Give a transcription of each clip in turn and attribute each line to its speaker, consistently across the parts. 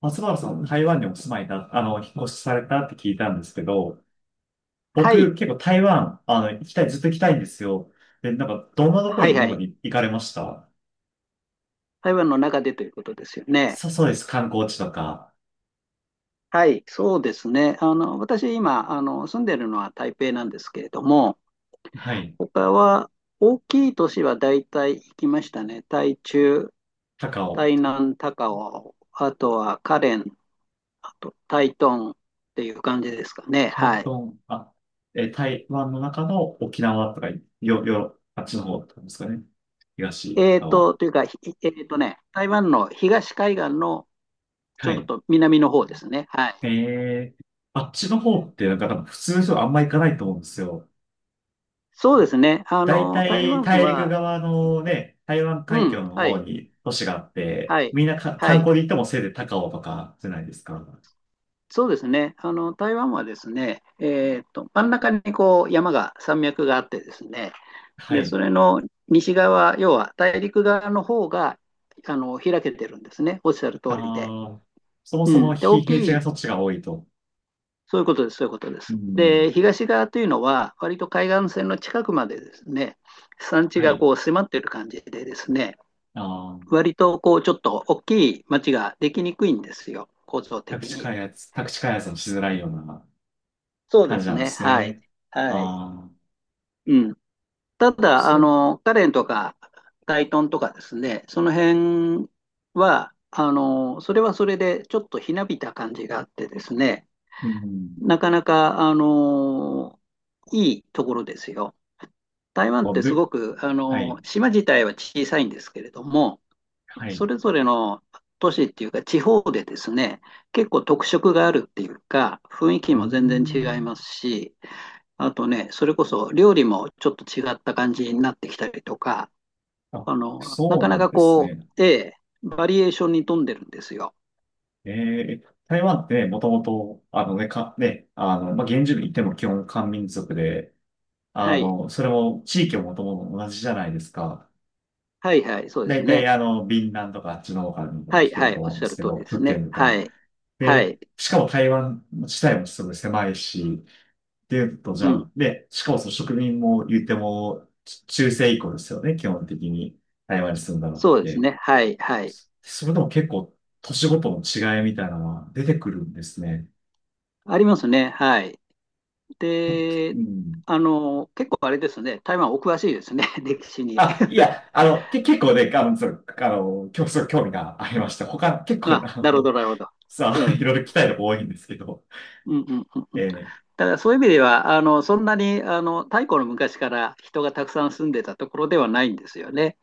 Speaker 1: 松原さん、台湾にお住まいだ、引っ越しされたって聞いたんですけど、
Speaker 2: は
Speaker 1: 僕、
Speaker 2: い、
Speaker 1: 結構台湾、行きたい、ずっと行きたいんですよ。で、なんか、どんなとこ
Speaker 2: はいは
Speaker 1: 今ま
Speaker 2: い。
Speaker 1: で行かれました？
Speaker 2: 台湾の中でということですよね。
Speaker 1: そうです。観光地とか、
Speaker 2: はい、そうですね。私今、住んでるのは台北なんですけれども、
Speaker 1: はい、
Speaker 2: 他は大きい都市は大体行きましたね。台中、
Speaker 1: 高雄、
Speaker 2: 台南、高雄、あとは花蓮、あと台東っていう感じですかね。
Speaker 1: 台
Speaker 2: はい。
Speaker 1: 東、あ、え、台湾の中の沖縄とか、あっちの方とかですかね。東
Speaker 2: えーと、
Speaker 1: 側。
Speaker 2: というか、ひえーとね、台湾の東海岸のち
Speaker 1: は
Speaker 2: ょっ
Speaker 1: い。
Speaker 2: と南の方ですね。はい。
Speaker 1: えー、あっちの方って、なんか多分普通の人はあんま行かないと思うんですよ。
Speaker 2: そうですね。
Speaker 1: 大
Speaker 2: 台
Speaker 1: 体
Speaker 2: 湾
Speaker 1: 大陸
Speaker 2: は、
Speaker 1: 側のね、台湾
Speaker 2: う
Speaker 1: 海
Speaker 2: ん、
Speaker 1: 峡の
Speaker 2: は
Speaker 1: 方
Speaker 2: い。
Speaker 1: に都市があって、
Speaker 2: はい、
Speaker 1: みんなか
Speaker 2: は
Speaker 1: 観
Speaker 2: い、
Speaker 1: 光で行ってもせいぜい高雄とかじゃないですか。
Speaker 2: そうですね、あの台湾はですね、真ん中にこう山が、山脈があってですね、
Speaker 1: は
Speaker 2: でそ
Speaker 1: い。
Speaker 2: れの西側、要は大陸側の方が開けてるんですね、おっしゃる通りで。
Speaker 1: ああ、そも
Speaker 2: う
Speaker 1: そも
Speaker 2: ん、で、
Speaker 1: 非
Speaker 2: 大
Speaker 1: 平地
Speaker 2: き
Speaker 1: が
Speaker 2: い、
Speaker 1: そっちが多いと。
Speaker 2: そういうことです、そういうことで
Speaker 1: う
Speaker 2: す。
Speaker 1: ん。
Speaker 2: で、東側というのは、割と海岸線の近くまでですね、山地
Speaker 1: は
Speaker 2: が
Speaker 1: い。
Speaker 2: こう迫ってる感じでですね、
Speaker 1: ああ、
Speaker 2: 割とこうちょっと大きい町ができにくいんですよ、構造
Speaker 1: 宅
Speaker 2: 的
Speaker 1: 地
Speaker 2: に。
Speaker 1: 開発、宅地開発もしづらいような
Speaker 2: そうで
Speaker 1: 感じ
Speaker 2: す
Speaker 1: なんで
Speaker 2: ね。
Speaker 1: す
Speaker 2: はい。
Speaker 1: ね。
Speaker 2: はい。
Speaker 1: ああ、
Speaker 2: うん。ただ、
Speaker 1: そう、
Speaker 2: カレンとか、タイトンとかですね、その辺は、それはそれで、ちょっとひなびた感じがあってですね、
Speaker 1: うん。
Speaker 2: なかなか、いいところですよ。台湾っ
Speaker 1: あ
Speaker 2: てすご
Speaker 1: ぶ、
Speaker 2: く、
Speaker 1: はい、
Speaker 2: 島自体は小さいんですけれども、
Speaker 1: は
Speaker 2: そ
Speaker 1: い。
Speaker 2: れぞれの都市っていうか、地方でですね、結構特色があるっていうか、雰囲気
Speaker 1: うー
Speaker 2: も全然違い
Speaker 1: ん。
Speaker 2: ますし、あとね、それこそ料理もちょっと違った感じになってきたりとか、
Speaker 1: あ、
Speaker 2: な
Speaker 1: そう
Speaker 2: か
Speaker 1: な
Speaker 2: な
Speaker 1: ん
Speaker 2: か
Speaker 1: です
Speaker 2: こ
Speaker 1: ね。
Speaker 2: う、ええ、バリエーションに富んでるんですよ。
Speaker 1: えー、台湾ってもともと、あのね、か、ね、まあ、原住民っても基本漢民族で、
Speaker 2: はい。
Speaker 1: それも地域ももともと同じじゃないですか。
Speaker 2: はいはい、そうで
Speaker 1: だ
Speaker 2: す
Speaker 1: いたい
Speaker 2: ね。
Speaker 1: ビンランとかあっちの方から
Speaker 2: はい、
Speaker 1: 来て
Speaker 2: は
Speaker 1: ると
Speaker 2: い、おっ
Speaker 1: 思うん
Speaker 2: し
Speaker 1: で
Speaker 2: ゃ
Speaker 1: す
Speaker 2: る
Speaker 1: け
Speaker 2: 通
Speaker 1: ど、
Speaker 2: りです
Speaker 1: 福
Speaker 2: ね。
Speaker 1: 建と
Speaker 2: は
Speaker 1: か。
Speaker 2: い。はい。
Speaker 1: で、しかも台湾自体もすごい狭いし、っていうと、じ
Speaker 2: う
Speaker 1: ゃ
Speaker 2: ん。
Speaker 1: あ、で、しかもその植民も言っても、ち中世以降ですよね、基本的に台湾に住んだのっ
Speaker 2: そうです
Speaker 1: て。
Speaker 2: ね。はい、はい。
Speaker 1: それでも結構、年ごとの違いみたいなのは出てくるんですね。
Speaker 2: ありますね。はい。で、
Speaker 1: うん。
Speaker 2: 結構あれですね。台湾お詳しいですね。歴史に。
Speaker 1: あ、いや、け、結構ね、そう、競争興味がありまして、他、結構、
Speaker 2: あ、なるほど、なるほど。
Speaker 1: さ
Speaker 2: う
Speaker 1: あ、い
Speaker 2: ん。
Speaker 1: ろいろ来たいの多いんですけど、
Speaker 2: うんうんうんうん。
Speaker 1: え
Speaker 2: だからそういう意味では、そんなに、太古の昔から人がたくさん住んでたところではないんですよね。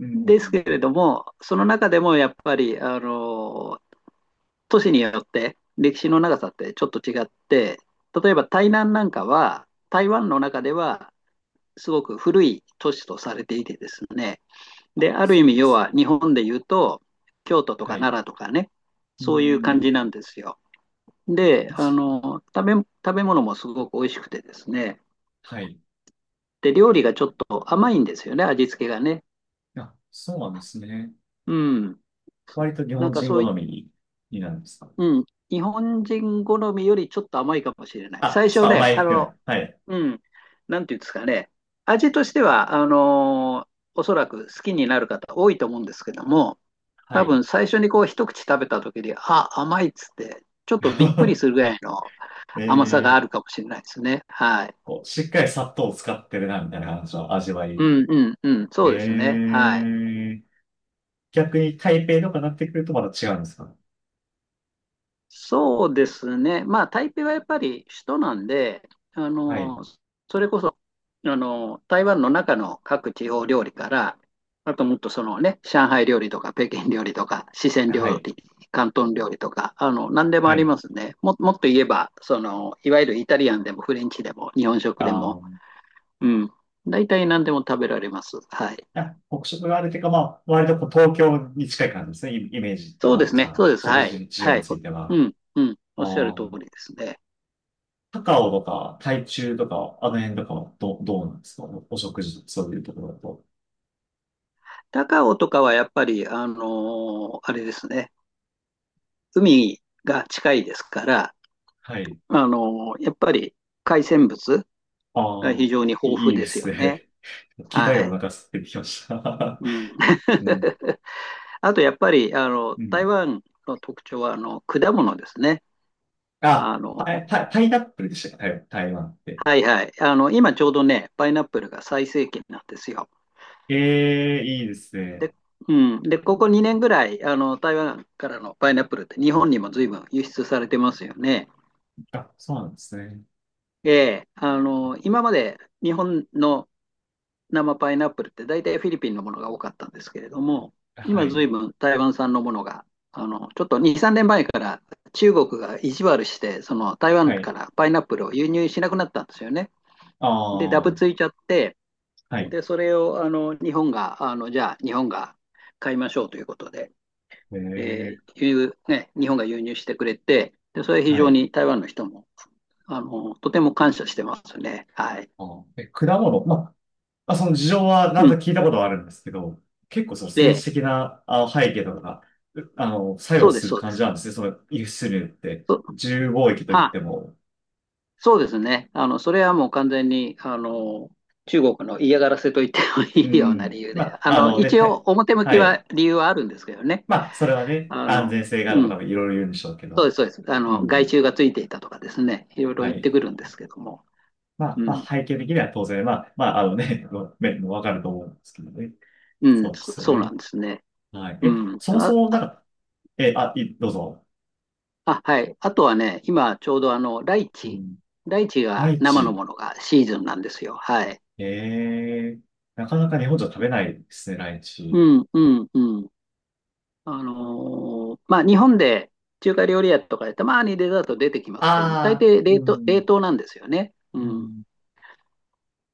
Speaker 1: ー、う
Speaker 2: です
Speaker 1: ん。
Speaker 2: けれども、その中でもやっぱり、都市によって歴史の長さってちょっと違って、例えば台南なんかは、台湾の中ではすごく古い都市とされていてですね。で、
Speaker 1: あ、
Speaker 2: ある
Speaker 1: そ
Speaker 2: 意
Speaker 1: う
Speaker 2: 味、
Speaker 1: で
Speaker 2: 要
Speaker 1: す。
Speaker 2: は日本で言うと、京都と
Speaker 1: は
Speaker 2: か
Speaker 1: い。
Speaker 2: 奈良とかね、
Speaker 1: う
Speaker 2: そういう感
Speaker 1: ん。
Speaker 2: じなんですよ。で、
Speaker 1: 一、
Speaker 2: 食べ物もすごく美味しくてですね。
Speaker 1: はい。
Speaker 2: で、料理がちょっと甘いんですよね、味付けがね。
Speaker 1: あ、そうなんですね。
Speaker 2: うん。
Speaker 1: 割と日
Speaker 2: なん
Speaker 1: 本
Speaker 2: か
Speaker 1: 人
Speaker 2: そう
Speaker 1: 好
Speaker 2: い、
Speaker 1: みになるんですか？
Speaker 2: うん。日本人好みよりちょっと甘いかもしれない。
Speaker 1: あ、
Speaker 2: 最
Speaker 1: ちょっと
Speaker 2: 初ね、
Speaker 1: 甘いぐらい。はい。
Speaker 2: うん。なんていうんですかね。味としては、おそらく好きになる方多いと思うんですけども、
Speaker 1: は
Speaker 2: 多
Speaker 1: い。
Speaker 2: 分最初にこう一口食べた時に、あ、甘いっつって、ちょっとびっくりす るぐらいの
Speaker 1: え
Speaker 2: 甘さがあ
Speaker 1: ー、
Speaker 2: るかもしれないですね。はい。
Speaker 1: こう、しっかり砂糖を使ってるな、みたいな感じの味わ
Speaker 2: う
Speaker 1: い。
Speaker 2: んうんうん、
Speaker 1: え
Speaker 2: そうですね。はい。
Speaker 1: ー、逆に台北とかになってくるとまた違うんですか？
Speaker 2: そうですね。まあ、台北はやっぱり首都なんで、あ
Speaker 1: はい。
Speaker 2: の、それこそ、台湾の中の各地方料理から、あともっとそのね、上海料理とか、北京料理とか、四川
Speaker 1: は
Speaker 2: 料
Speaker 1: い。
Speaker 2: 理、広東料理とか、何でもあ
Speaker 1: は
Speaker 2: り
Speaker 1: い。
Speaker 2: ますね。もっと言えば、その、いわゆるイタリアンでもフレンチでも日本食
Speaker 1: あ
Speaker 2: でも、
Speaker 1: ー、
Speaker 2: うん、大体何でも食べられます。はい。
Speaker 1: あ、北食があるというか、まあ、割とこう東京に近い感じですね。イイメージだっ
Speaker 2: そ
Speaker 1: た
Speaker 2: うで
Speaker 1: ら、
Speaker 2: す
Speaker 1: じゃ
Speaker 2: ね。そ
Speaker 1: あ、
Speaker 2: うです。
Speaker 1: 食
Speaker 2: はい。
Speaker 1: 事事情
Speaker 2: は
Speaker 1: に
Speaker 2: い。
Speaker 1: つ
Speaker 2: お
Speaker 1: いて
Speaker 2: う
Speaker 1: は。
Speaker 2: ん、うん。
Speaker 1: あ
Speaker 2: おっしゃる通
Speaker 1: ー、
Speaker 2: りですね。
Speaker 1: 高雄とか、台中とか、あの辺とかはど、どうなんですか？お食事、そういうところだと。
Speaker 2: 高尾とかはやっぱり、あのーあれですね、海が近いですから、
Speaker 1: はい。
Speaker 2: あのーやっぱり海鮮物が
Speaker 1: あー、
Speaker 2: 非常に
Speaker 1: い
Speaker 2: 豊
Speaker 1: いい
Speaker 2: 富
Speaker 1: いで
Speaker 2: です
Speaker 1: す
Speaker 2: よね。
Speaker 1: ね。聞いた
Speaker 2: は
Speaker 1: よ、お
Speaker 2: い。
Speaker 1: 腹空いてきました。
Speaker 2: うん、
Speaker 1: うん。
Speaker 2: あとやっぱり、
Speaker 1: う
Speaker 2: 台
Speaker 1: ん。
Speaker 2: 湾の特徴は、果物ですね。
Speaker 1: あ、
Speaker 2: あ
Speaker 1: パ
Speaker 2: の、
Speaker 1: イ、パイパイナップルでしたか台台湾って？
Speaker 2: はいはい。今ちょうどね、パイナップルが最盛期なんですよ。
Speaker 1: ええいいですね。
Speaker 2: で、うん。で、ここ2年ぐらい、台湾からのパイナップルって日本にも随分輸出されてますよね。
Speaker 1: あ、そうなんですね。
Speaker 2: ええ、今まで日本の生パイナップルって大体フィリピンのものが多かったんですけれども、
Speaker 1: は
Speaker 2: 今ずい
Speaker 1: い。
Speaker 2: ぶん台湾産のものが、ちょっと2、3年前から中国が意地悪して、その台湾
Speaker 1: はい。
Speaker 2: からパイナップルを輸入しなくなったんですよね。
Speaker 1: あ
Speaker 2: で、ダブ
Speaker 1: あ、
Speaker 2: ついちゃって、
Speaker 1: はい。
Speaker 2: で、それをあの日本が、じゃあ日本が買いましょうということで、
Speaker 1: ええ、
Speaker 2: 輸入ね、日本が輸入してくれて、で、それ非
Speaker 1: は
Speaker 2: 常
Speaker 1: い。
Speaker 2: に台湾の人も、とても感謝してますね。はい。
Speaker 1: あー、え、果物。まあ、あその事情はなん
Speaker 2: う
Speaker 1: と
Speaker 2: ん
Speaker 1: 聞いたことはあるんですけど、結構その政治
Speaker 2: で、
Speaker 1: 的なあ背景とかが、うあの、作
Speaker 2: そ
Speaker 1: 用
Speaker 2: うで
Speaker 1: す
Speaker 2: す、
Speaker 1: る
Speaker 2: そうで
Speaker 1: 感じな
Speaker 2: す。
Speaker 1: んですね。その輸出入って、
Speaker 2: そ、
Speaker 1: 自由貿易といっ
Speaker 2: あ、
Speaker 1: ても。
Speaker 2: そうですね。それはもう完全に、中国の嫌がらせと言っても
Speaker 1: う
Speaker 2: いいような
Speaker 1: ん。
Speaker 2: 理由
Speaker 1: ま
Speaker 2: で、
Speaker 1: あ、あのね、
Speaker 2: 一
Speaker 1: た、
Speaker 2: 応表向
Speaker 1: は
Speaker 2: き
Speaker 1: い。
Speaker 2: は理由はあるんですけどね。
Speaker 1: まあ、それはね、
Speaker 2: あ
Speaker 1: 安
Speaker 2: の、
Speaker 1: 全性がある
Speaker 2: う
Speaker 1: とか
Speaker 2: ん、
Speaker 1: もいろいろ言うんでしょうけ
Speaker 2: そう
Speaker 1: ど。
Speaker 2: です、そうです。
Speaker 1: う
Speaker 2: 害
Speaker 1: ん。
Speaker 2: 虫がついていたとかですね、いろいろ
Speaker 1: は
Speaker 2: 言って
Speaker 1: い。
Speaker 2: くるんですけども。
Speaker 1: まあ、
Speaker 2: う
Speaker 1: まあ、
Speaker 2: ん、
Speaker 1: 背景的には当然、まあ、まあ、あのね、面もわかると思うんですけどね。
Speaker 2: うん、
Speaker 1: そうで
Speaker 2: そ
Speaker 1: すよ
Speaker 2: そうな
Speaker 1: ね。
Speaker 2: んですね。
Speaker 1: はい。
Speaker 2: う
Speaker 1: え、
Speaker 2: ん。
Speaker 1: そもそも、なんか、え、あ、い、どうぞ。
Speaker 2: あはい。あとはね、今ちょうどあの、
Speaker 1: うん。
Speaker 2: ライチ
Speaker 1: ラ
Speaker 2: が
Speaker 1: イ
Speaker 2: 生の
Speaker 1: チ。
Speaker 2: ものがシーズンなんですよ。はい。
Speaker 1: ええなかなか日本じゃ食べないですね、ライ
Speaker 2: う
Speaker 1: チ。
Speaker 2: ん、うん、うん。あのーまあ、日本で中華料理屋とかでたまにデザート出てきま
Speaker 1: あ
Speaker 2: すけども、大
Speaker 1: あ、
Speaker 2: 抵
Speaker 1: う
Speaker 2: 冷
Speaker 1: ん、
Speaker 2: 凍なんですよね。う
Speaker 1: う
Speaker 2: ん。
Speaker 1: ん。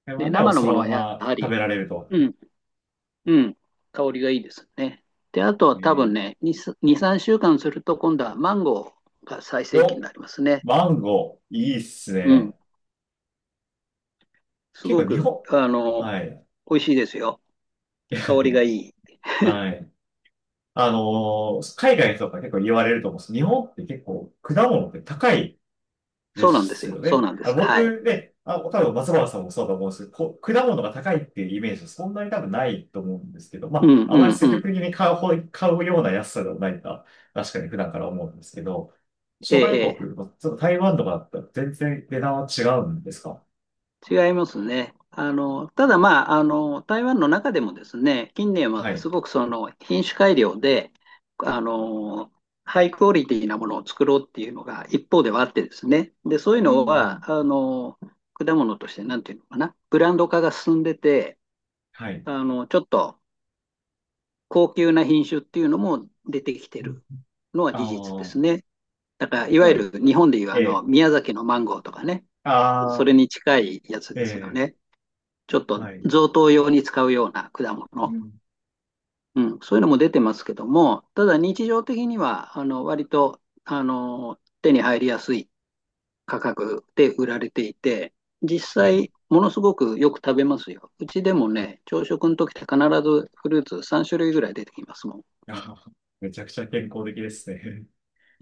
Speaker 1: 台
Speaker 2: で、
Speaker 1: 湾では
Speaker 2: 生の
Speaker 1: そ
Speaker 2: も
Speaker 1: の
Speaker 2: のは
Speaker 1: ま
Speaker 2: や
Speaker 1: ま
Speaker 2: は
Speaker 1: 食
Speaker 2: り、
Speaker 1: べられると。
Speaker 2: うん、うん、香りがいいですね。で、あとは
Speaker 1: え
Speaker 2: 多
Speaker 1: ー、
Speaker 2: 分ね、2、2、3週間すると今度はマンゴーが最盛期に
Speaker 1: お、
Speaker 2: なりますね。
Speaker 1: マンゴー、いいっす
Speaker 2: うん。
Speaker 1: ね。
Speaker 2: す
Speaker 1: 結
Speaker 2: ご
Speaker 1: 構日
Speaker 2: く、
Speaker 1: 本。はい、
Speaker 2: 美味しいですよ。香りがいい。
Speaker 1: はい。あのー海外とか結構言われると思うんです。日本って結構果物って高いで
Speaker 2: そうなんです
Speaker 1: す
Speaker 2: よ。
Speaker 1: よ
Speaker 2: そう
Speaker 1: ね。
Speaker 2: なんで
Speaker 1: あ、
Speaker 2: す。はい。
Speaker 1: 僕ね、あ、多分松原さんもそうだと思うんですけど、こ果物が高いっていうイメージはそんなに多分ないと思うんですけど、
Speaker 2: う
Speaker 1: ま
Speaker 2: ん、
Speaker 1: あ、あ
Speaker 2: う
Speaker 1: まり
Speaker 2: ん、
Speaker 1: 積
Speaker 2: う
Speaker 1: 極的
Speaker 2: ん。
Speaker 1: に買うような安さではないか、確かに普段から思うんですけど、
Speaker 2: え
Speaker 1: 諸
Speaker 2: え、
Speaker 1: 外
Speaker 2: ええ。
Speaker 1: 国、まあちょっと台湾とかだったら全然値段は違うんですか？
Speaker 2: 違いますね。ただまあ、台湾の中でもですね、近年
Speaker 1: は
Speaker 2: はす
Speaker 1: い。
Speaker 2: ごくその品種改良で、あの、ハイクオリティなものを作ろうっていうのが一方ではあってですね。で、そういう
Speaker 1: う
Speaker 2: の
Speaker 1: ん。
Speaker 2: は、果物としてなんていうのかな、ブランド化が進んでて、
Speaker 1: はい。
Speaker 2: ちょっと高級な品種っていうのも出てきてるのは
Speaker 1: あ
Speaker 2: 事実です
Speaker 1: あ、
Speaker 2: ね。だから、いわ
Speaker 1: は
Speaker 2: ゆ
Speaker 1: い。
Speaker 2: る日本でいう
Speaker 1: え
Speaker 2: あの、
Speaker 1: え、
Speaker 2: 宮崎のマンゴーとかね、そ
Speaker 1: ああ、
Speaker 2: れに近いやつ
Speaker 1: え
Speaker 2: ですよ
Speaker 1: え、
Speaker 2: ね。ちょっと
Speaker 1: はい。
Speaker 2: 贈答用に使うような果物、
Speaker 1: うん
Speaker 2: うん、そういうのも出てますけども、ただ日常的には、割と、手に入りやすい価格で売られていて、実
Speaker 1: はい。
Speaker 2: 際、ものすごくよく食べますよ。うちでもね、朝食の時って必ずフルーツ3種類ぐらい出てきますもん。
Speaker 1: あめちゃくちゃ健康的ですね。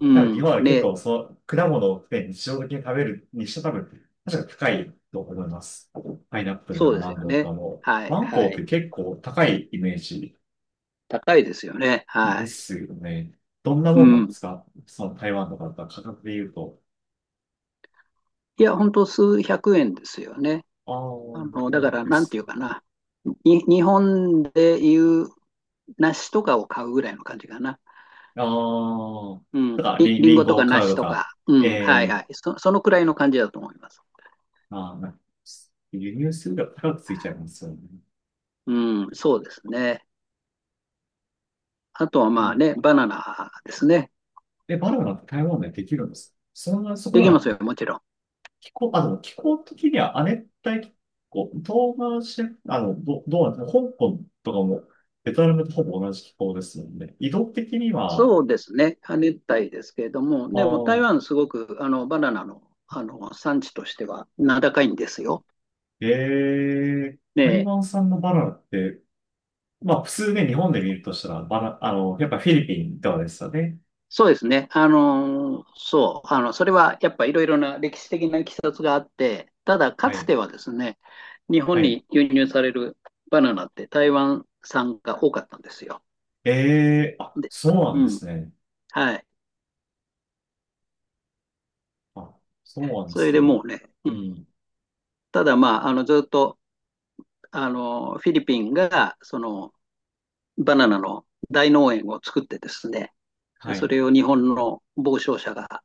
Speaker 2: う
Speaker 1: ただ日
Speaker 2: ん。
Speaker 1: 本は結
Speaker 2: ね、
Speaker 1: 構そう、果物を、ね、日常的に食べるにして多分、確か高いと思います。パイナップルと
Speaker 2: そう
Speaker 1: か
Speaker 2: です
Speaker 1: マ
Speaker 2: よ
Speaker 1: ンゴーとか
Speaker 2: ね。
Speaker 1: も。
Speaker 2: はい、
Speaker 1: マン
Speaker 2: は
Speaker 1: ゴーっ
Speaker 2: い。
Speaker 1: て結構高いイメージ
Speaker 2: 高いですよね。は
Speaker 1: で
Speaker 2: い。
Speaker 1: すよね。どんな
Speaker 2: う
Speaker 1: もんなんで
Speaker 2: ん。
Speaker 1: すかその台湾とかだったら価格で言うと。
Speaker 2: いや、ほんと数百円ですよね。
Speaker 1: ああ、ま
Speaker 2: だ
Speaker 1: あい
Speaker 2: か
Speaker 1: い
Speaker 2: ら、
Speaker 1: で
Speaker 2: なんて
Speaker 1: す
Speaker 2: いう
Speaker 1: ね。
Speaker 2: かな。日本でいう梨とかを買うぐらいの感じかな。
Speaker 1: ああ、
Speaker 2: うん。
Speaker 1: だからリン、
Speaker 2: りん
Speaker 1: リン
Speaker 2: ごと
Speaker 1: ゴ
Speaker 2: か
Speaker 1: を買う
Speaker 2: 梨
Speaker 1: と
Speaker 2: と
Speaker 1: か、
Speaker 2: か。う
Speaker 1: え
Speaker 2: ん。はい
Speaker 1: え
Speaker 2: は
Speaker 1: ー
Speaker 2: い。そのくらいの感じだと思います。
Speaker 1: まあ、な輸入するが高くついちゃいますよね。
Speaker 2: うん。そうですね。あとはまあね、バナナですね。
Speaker 1: で、バナナって台湾でできるんです。そんな、そ
Speaker 2: で
Speaker 1: こ
Speaker 2: きます
Speaker 1: な、
Speaker 2: よ、もちろん。
Speaker 1: 気候、気候的には亜熱帯気候、東南シジア、ど、どうなんですか、香港とかも、ベトナムとほぼ同じ気候ですので、移動的には、
Speaker 2: そうですね。亜熱帯ですけれども、
Speaker 1: あ
Speaker 2: でも台
Speaker 1: ー
Speaker 2: 湾すごくあのバナナの、産地としては名高いんですよ。
Speaker 1: ええ
Speaker 2: ね
Speaker 1: 台
Speaker 2: え
Speaker 1: 湾産のバナナって、まあ、普通ね、日本で見るとしたら、バナ、やっぱフィリピンとかですよね。
Speaker 2: そうですね。あのーそう、それはやっぱいろいろな歴史的な経緯があって、ただか
Speaker 1: は
Speaker 2: つ
Speaker 1: い。
Speaker 2: てはですね、日本
Speaker 1: はい。
Speaker 2: に輸入されるバナナって台湾産が多かったんですよ。
Speaker 1: ええあ、
Speaker 2: で、
Speaker 1: そうな
Speaker 2: う
Speaker 1: んで
Speaker 2: ん、
Speaker 1: すね。
Speaker 2: はい。
Speaker 1: あ、そうなんで
Speaker 2: それ
Speaker 1: す
Speaker 2: で
Speaker 1: ね。
Speaker 2: もうね、
Speaker 1: うん。
Speaker 2: ただまあ、あの、ずっと、あの、フィリピンが、その、バナナの大農園を作ってですね、で
Speaker 1: は
Speaker 2: そ
Speaker 1: い。
Speaker 2: れを日本の傍聴者が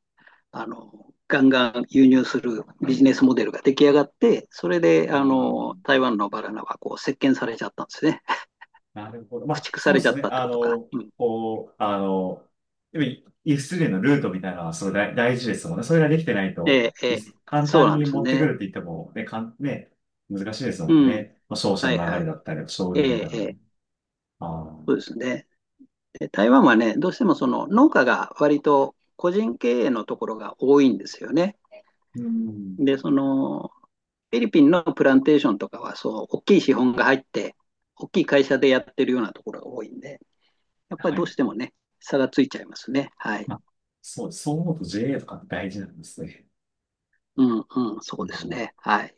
Speaker 2: ガンガン輸入するビジネスモデルが出来上がって、それで、
Speaker 1: ああ。
Speaker 2: 台湾のバナナはこう、石鹸されちゃったんですね。
Speaker 1: なるほど。ま
Speaker 2: 駆
Speaker 1: あ、
Speaker 2: 逐さ
Speaker 1: そう
Speaker 2: れ
Speaker 1: で
Speaker 2: ちゃ
Speaker 1: す
Speaker 2: っ
Speaker 1: ね。
Speaker 2: たって
Speaker 1: あ
Speaker 2: ことか。
Speaker 1: の、
Speaker 2: うん。
Speaker 1: こう、あの、やっぱり輸出入のルートみたいなのはすごい大大事ですもんね。それができてない
Speaker 2: え
Speaker 1: と、
Speaker 2: え、
Speaker 1: 輸
Speaker 2: え
Speaker 1: 出簡
Speaker 2: そう
Speaker 1: 単
Speaker 2: なん
Speaker 1: に
Speaker 2: です
Speaker 1: 持ってく
Speaker 2: ね。
Speaker 1: るって言っても、ね、かん、ね、難しいです
Speaker 2: う
Speaker 1: もん
Speaker 2: ん。
Speaker 1: ね。まあ、商社
Speaker 2: はい
Speaker 1: の流
Speaker 2: は
Speaker 1: れ
Speaker 2: い。
Speaker 1: だったり、商流
Speaker 2: え
Speaker 1: み
Speaker 2: え、
Speaker 1: たいな
Speaker 2: え
Speaker 1: のも。
Speaker 2: え、
Speaker 1: ああ、
Speaker 2: そうですね。で台湾はね、どうしてもその農家が割と個人経営のところが多いんですよね。
Speaker 1: うん。
Speaker 2: で、その、フィリピンのプランテーションとかは、そう、大きい資本が入って、大きい会社でやってるようなところが多いんで、やっぱり
Speaker 1: は
Speaker 2: どう
Speaker 1: い。
Speaker 2: してもね、差がついちゃいますね。はい。
Speaker 1: まあ、そう思うと JA とか大事なんですね。
Speaker 2: うんうん、そ
Speaker 1: う
Speaker 2: うです
Speaker 1: ん
Speaker 2: ね。はい。